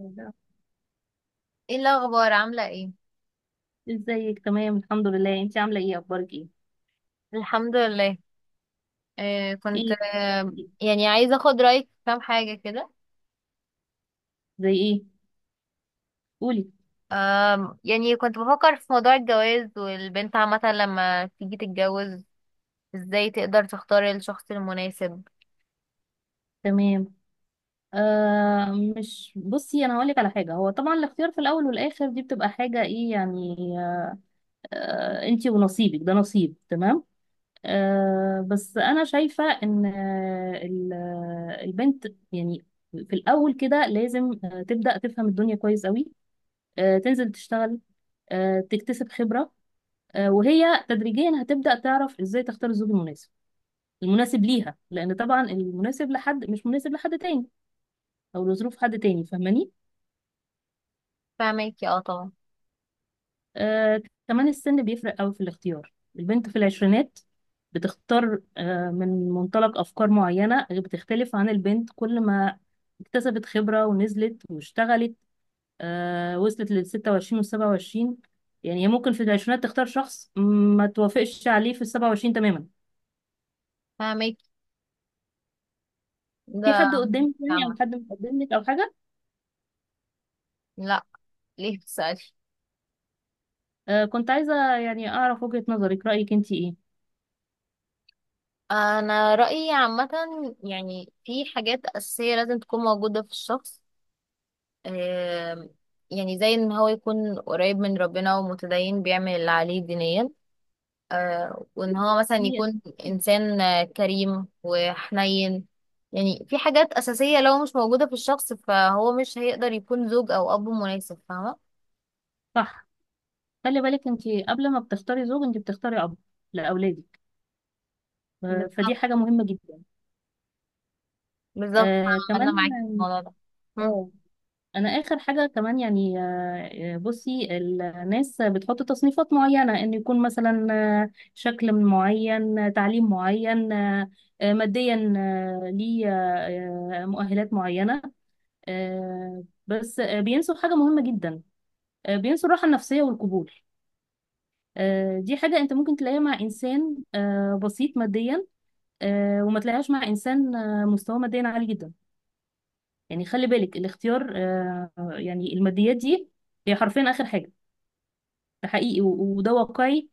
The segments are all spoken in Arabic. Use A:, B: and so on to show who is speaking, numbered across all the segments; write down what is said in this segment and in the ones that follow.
A: الله.
B: ايه الاخبار؟ عامله ايه؟
A: ازيك؟ تمام الحمد لله، انت عامله ايه؟ اخبارك ايه
B: الحمد لله. كنت
A: ايه بتعملي إيه؟
B: يعني عايزه اخد رايك في كام حاجه كده.
A: زي ايه؟ قولي.
B: يعني كنت بفكر في موضوع الجواز والبنت عامه لما تيجي تتجوز ازاي تقدر تختار الشخص المناسب.
A: تمام. آه مش بصي، انا هقول لك على حاجه. هو طبعا الاختيار في الاول والاخر دي بتبقى حاجه ايه يعني، انت ونصيبك، ده نصيب. تمام. بس انا شايفه ان البنت يعني في الاول كده لازم تبدا تفهم الدنيا كويس قوي، تنزل تشتغل، تكتسب خبره، وهي تدريجيا هتبدأ تعرف ازاي تختار الزوج المناسب، المناسب ليها، لان طبعا المناسب لحد مش مناسب لحد تاني او لظروف حد تاني. فاهماني؟
B: فاهمك اه طبعا.
A: آه كمان السن بيفرق قوي في الاختيار. البنت في العشرينات بتختار من منطلق افكار معينه، بتختلف عن البنت كل ما اكتسبت خبره ونزلت واشتغلت وصلت لل 26 وال 27. يعني هي ممكن في العشرينات تختار شخص ما توافقش عليه في ال 27 تماما.
B: فاهمك.
A: في
B: ده
A: حد قدامك يعني، او
B: عامه.
A: حد مقدم لك او حاجه؟
B: لا. ليه بتسالي؟
A: كنت عايزه يعني اعرف وجهه نظرك، رايك انت ايه؟
B: انا رايي عامه، يعني في حاجات اساسيه لازم تكون موجوده في الشخص. آم، يعني زي ان هو يكون قريب من ربنا ومتدين بيعمل اللي عليه دينيا، وان هو مثلا
A: هي
B: يكون انسان كريم وحنين. يعني في حاجات اساسية لو مش موجودة في الشخص فهو مش هيقدر يكون زوج او اب مناسب، فاهمة؟
A: صح. خلي بالك انت، قبل ما بتختاري زوج انت بتختاري اب لاولادك، فدي
B: بالظبط،
A: حاجه مهمه جدا.
B: بالظبط،
A: آه
B: انا
A: كمان
B: معاكي في الموضوع ده. مم.
A: اه، انا اخر حاجه كمان يعني، بصي، الناس بتحط تصنيفات معينه، ان يكون مثلا شكل معين، تعليم معين، ماديا، آه، ليه آه، آه، مؤهلات معينه، بس بينسوا حاجه مهمه جدا، بينسوا الراحه النفسيه والقبول. دي حاجة انت ممكن تلاقيها مع انسان بسيط ماديا، وما تلاقيهاش مع انسان مستواه ماديا عالي جدا. يعني خلي بالك، الاختيار يعني الماديات دي هي حرفيا اخر حاجة. ده حقيقي وده واقعي.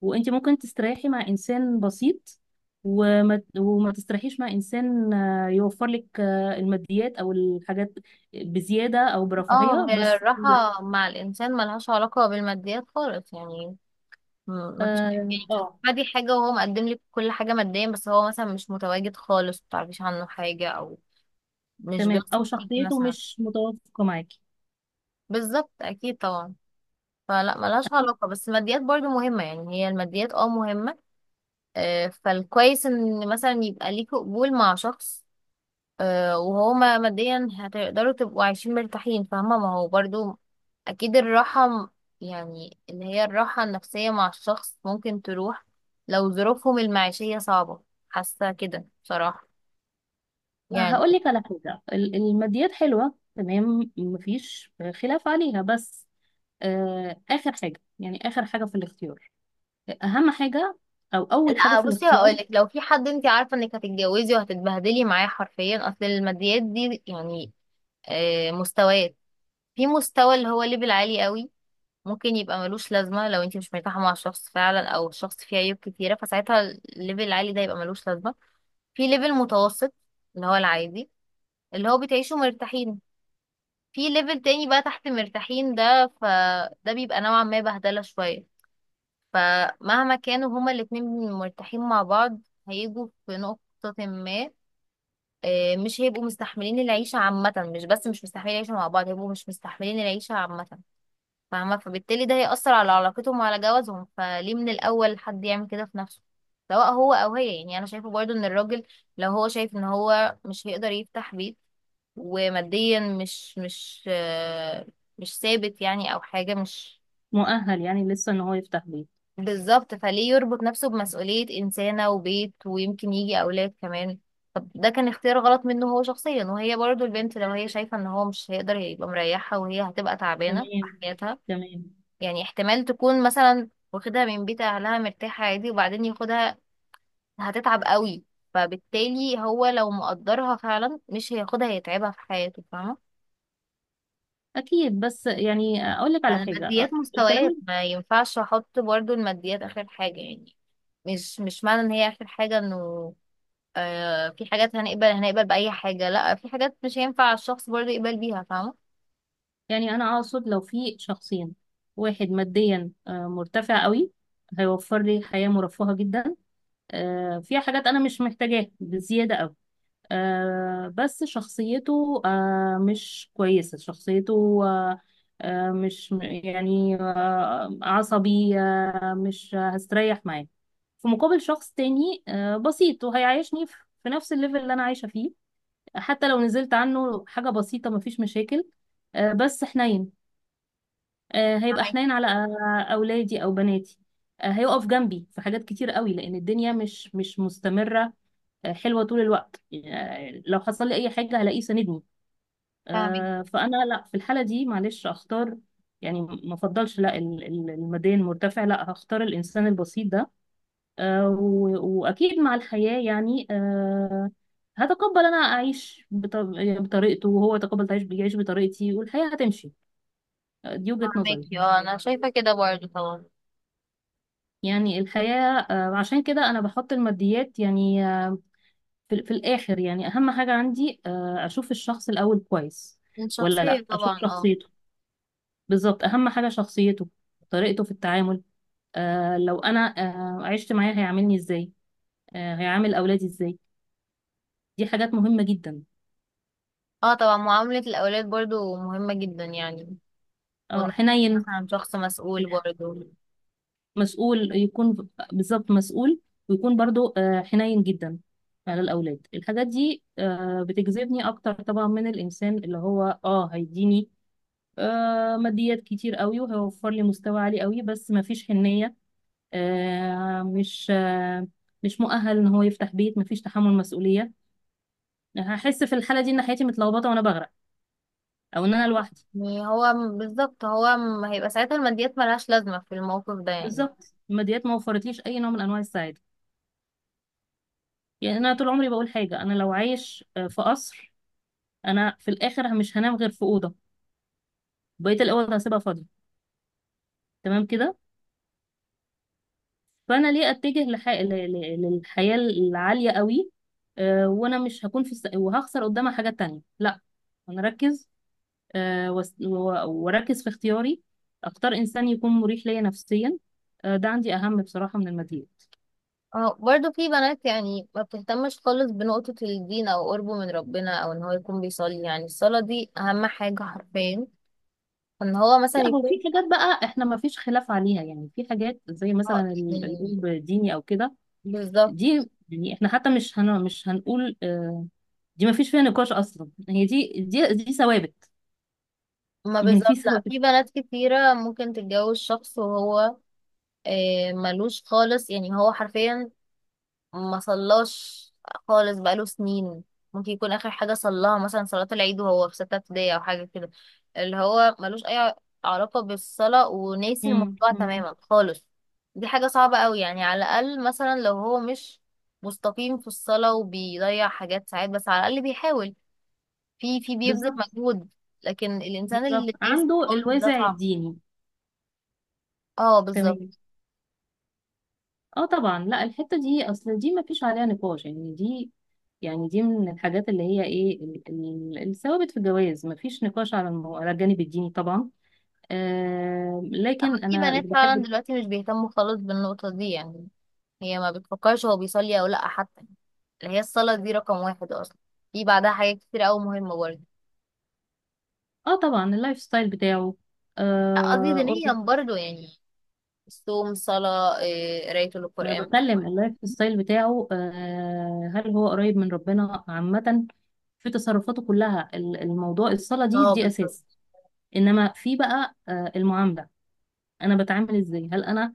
A: وانت ممكن تستريحي مع انسان بسيط، وما تستريحيش مع انسان يوفر لك الماديات او الحاجات بزيادة او
B: اه،
A: برفاهية.
B: هي
A: بس لا.
B: الراحة مع الانسان ملهاش علاقة بالماديات خالص يعني. مفيش.
A: اه
B: يعني بتدي حاجة وهو مقدم لك كل حاجة ماديا، بس هو مثلا مش متواجد خالص، متعرفيش عنه حاجة أو مش
A: تمام.
B: بيثق
A: او
B: فيكي
A: شخصيته
B: مثلا.
A: مش متوافقة معاكي.
B: بالظبط أكيد طبعا. فلا، ملهاش علاقة، بس الماديات برضو مهمة، يعني هي الماديات اه مهمة. فالكويس إن مثلا يبقى ليكي قبول مع شخص، وهما ماديا هتقدروا تبقوا عايشين مرتاحين، فاهمة؟ ما هو برضو أكيد الراحة يعني اللي هي الراحة النفسية مع الشخص ممكن تروح لو ظروفهم المعيشية صعبة. حاسة كده بصراحة يعني.
A: هقول لك على حاجة، الماديات حلوة تمام، مفيش خلاف عليها، بس آخر حاجة يعني، آخر حاجة في الاختيار. أهم حاجة أو أول حاجة
B: لا
A: في
B: بصي،
A: الاختيار.
B: هقولك لو في حد انت عارفة انك هتتجوزي وهتتبهدلي معاه حرفيا، اصل الماديات دي يعني مستويات. في مستوى اللي هو ليفل عالي قوي، ممكن يبقى ملوش لازمة لو انت مش مرتاحة مع الشخص فعلا، او الشخص فيه عيوب كتيرة، فساعتها الليفل العالي ده يبقى ملوش لازمة. في ليفل متوسط اللي هو العادي، اللي هو بتعيشوا مرتاحين. في ليفل تاني بقى تحت مرتاحين ده، فده بيبقى نوعا ما بهدلة شوية. فمهما كانوا هما الاتنين مرتاحين مع بعض، هيجوا في نقطة ما، مش هيبقوا مستحملين العيشة عامة، مش بس مش مستحملين العيشة مع بعض، هيبقوا مش مستحملين العيشة عامة. فاهمة؟ فبالتالي ده هيأثر على علاقتهم وعلى جوازهم، فليه من الأول حد يعمل كده في نفسه، سواء هو أو هي. يعني أنا شايفة برضو إن الراجل لو هو شايف إن هو مش هيقدر يفتح بيت، وماديا مش ثابت يعني، أو حاجة مش
A: مؤهل يعني لسه إن هو يفتح بيت.
B: بالظبط، فليه يربط نفسه بمسؤولية إنسانة وبيت ويمكن يجي أولاد كمان. طب ده كان اختيار غلط منه هو شخصيا. وهي برضو البنت لو هي شايفة إن هو مش هيقدر يبقى مريحها، وهي هتبقى تعبانة في
A: تمام.
B: حياتها،
A: تمام.
B: يعني احتمال تكون مثلا واخدها من بيت اهلها مرتاحة عادي، وبعدين ياخدها هتتعب قوي. فبالتالي هو لو مقدرها فعلا مش هياخدها هيتعبها في حياته، فاهمة؟
A: أكيد، بس يعني أقول لك على حاجة،
B: الماديات
A: الكلام
B: مستويات،
A: ال-
B: ما ينفعش احط برضو الماديات اخر حاجة يعني. مش معنى ان هي اخر حاجة انه في حاجات هنقبل، هنقبل بأي حاجة، لا، في حاجات مش هينفع الشخص برضو يقبل بيها، فاهمة؟
A: يعني أنا أقصد، لو في شخصين، واحد ماديا مرتفع قوي، هيوفر لي حياة مرفهة جدا، فيها حاجات أنا مش محتاجاها بزيادة قوي، بس شخصيته مش كويسة. شخصيته آه آه مش م- يعني آه عصبي، مش هستريح معاه. في مقابل شخص تاني بسيط، وهيعيشني في نفس الليفل اللي أنا عايشة فيه، حتى لو نزلت عنه حاجة بسيطة مفيش مشاكل، بس حنين، هيبقى
B: فاهمك
A: حنين على أولادي أو بناتي، هيقف جنبي في حاجات كتير قوي. لأن الدنيا مش مستمرة حلوه طول الوقت، يعني لو حصل لي اي حاجه هلاقيه ساندني.
B: فاهمك
A: فانا لا في الحاله دي معلش اختار، يعني ما افضلش لا الماديا المرتفع، لا هختار الانسان البسيط ده، واكيد مع الحياه، يعني هتقبل انا اعيش بطريقته، وهو يتقبل يعيش بطريقتي، والحياه هتمشي. دي وجهه نظري.
B: فاهمك اه، انا شايفة كده برضو طبعا.
A: يعني الحياه عشان كده انا بحط الماديات يعني في الآخر. يعني أهم حاجة عندي أشوف الشخص الأول كويس
B: من
A: ولا
B: شخصية
A: لأ، أشوف
B: طبعا، اه.
A: شخصيته. بالظبط أهم حاجة شخصيته، طريقته في التعامل. لو أنا عشت معاه هيعاملني إزاي، هيعامل أولادي إزاي. دي حاجات مهمة جدا.
B: اه طبعا، معاملة الأولاد برضو مهمة جدا يعني.
A: اه
B: وإنه
A: حنين.
B: مثلا شخص مسؤول برضو.
A: مسؤول يكون. بالظبط، مسؤول، ويكون برضو حنين جدا على الأولاد. الحاجات دي بتجذبني أكتر طبعا من الإنسان اللي هو اه هيديني ماديات كتير قوي، وهيوفر لي مستوى عالي قوي، بس ما فيش حنية، آه، مش آه، مش مؤهل ان هو يفتح بيت، ما فيش تحمل مسؤولية. هحس في الحالة دي ان حياتي متلخبطة وانا بغرق، او ان انا لوحدي.
B: يعني هو بالظبط، هو هيبقى ساعتها الماديات ملهاش لازمة في الموقف ده يعني.
A: بالظبط، الماديات ما وفرتليش اي نوع من انواع السعادة. يعني انا طول عمري بقول حاجة، انا لو عايش في قصر، انا في الاخر مش هنام غير في أوضة، بقية الأوض هسيبها فاضية، تمام كده. فانا ليه اتجه للحياة العالية قوي، وانا مش هكون في وهخسر قدامها حاجات تانية؟ لا، هنركز، واركز في اختياري، اختار انسان يكون مريح ليا نفسيا. ده عندي اهم بصراحة من الماديات.
B: اه برضو، في بنات يعني ما بتهتمش خالص بنقطة الدين أو قربه من ربنا أو إن هو يكون بيصلي. يعني الصلاة دي أهم حاجة حرفيا، إن هو مثلا
A: لا هو
B: يكون
A: في حاجات بقى احنا ما فيش خلاف عليها، يعني في حاجات زي مثلا
B: اه يعني
A: القلب ديني او كده،
B: بالظبط.
A: دي يعني احنا حتى مش هن مش هنقول دي ما فيش فيها نقاش اصلا، هي دي ثوابت.
B: ما
A: يعني في
B: بالظبط، لا،
A: ثوابت.
B: في بنات كتيرة ممكن تتجوز شخص وهو ملوش خالص يعني، هو حرفيا ما صلاش خالص بقاله سنين. ممكن يكون اخر حاجه صلاها مثلا صلاه العيد وهو في سته ابتدائي او حاجه كده، اللي هو ملوش اي علاقه بالصلاه، وناسي
A: مم،
B: الموضوع
A: مم.
B: تماما خالص. دي حاجه صعبه قوي. يعني على الاقل مثلا لو هو مش مستقيم في الصلاه وبيضيع حاجات ساعات، بس على الاقل بيحاول، في بيبذل
A: بالظبط.
B: مجهود. لكن الانسان
A: بالظبط
B: اللي ناسي
A: عنده
B: خالص ده
A: الوازع
B: صعب.
A: الديني.
B: اه
A: تمام.
B: بالظبط.
A: اه طبعا، لا الحته دي اصل دي ما فيش عليها نقاش، يعني دي، يعني دي من الحاجات اللي هي ايه، الثوابت في الجواز. ما فيش نقاش على على الجانب الديني طبعا. آه
B: اما
A: لكن
B: في
A: انا
B: بنات
A: اللي
B: فعلا
A: بحب،
B: دلوقتي مش بيهتموا خالص بالنقطه دي يعني، هي ما بتفكرش هو بيصلي او لا حتى. اللي هي الصلاة دي رقم واحد اصلا. في بعدها حاجات كتير اوي مهمة برضه.
A: اه طبعا اللايف ستايل بتاعه،
B: لا، قصدي
A: آه
B: دينيا
A: قرب-
B: برضه، يعني الصوم، صلاة إيه، قراية
A: ما
B: القرآن
A: انا
B: مثلا.
A: بتكلم اللايف ستايل بتاعه، هل هو قريب من ربنا عامه في تصرفاته كلها. الموضوع الصلاه دي
B: اه
A: دي اساس.
B: بالظبط،
A: انما في بقى المعامله، انا بتعامل ازاي، هل انا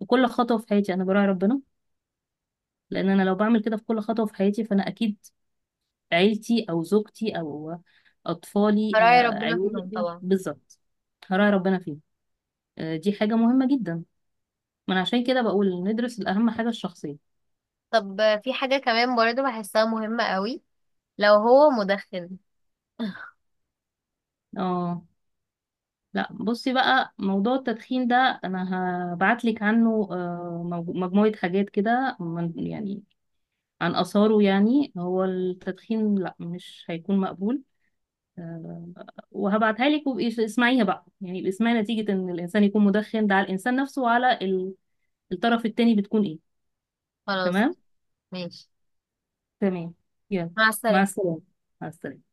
A: وكل خطوة في حياتي أنا براعي ربنا؟ لأن أنا لو بعمل كده في كل خطوة في حياتي، فأنا أكيد عيلتي أو زوجتي أو أطفالي
B: فراعي ربنا
A: عيالي،
B: فيهم طبعا.
A: بالظبط هراعي ربنا فيه. دي حاجة مهمة جدا، من عشان كده بقول ندرس الأهم حاجة الشخصية.
B: طب في حاجة كمان برضه بحسها مهمة قوي، لو هو مدخن.
A: اه لا بصي بقى، موضوع التدخين ده أنا هبعتلك عنه مجموعة حاجات كده عن آثاره. يعني هو التدخين لا مش هيكون مقبول، آه، وهبعتها لك وابقي اسمعيها بقى، يعني ابقي اسمعي نتيجة ان الانسان يكون مدخن ده على الانسان نفسه وعلى الطرف التاني بتكون ايه.
B: خلاص.
A: تمام.
B: ماشي.
A: تمام. يلا
B: مع
A: مع
B: السلامة.
A: السلامة. مع السلامة.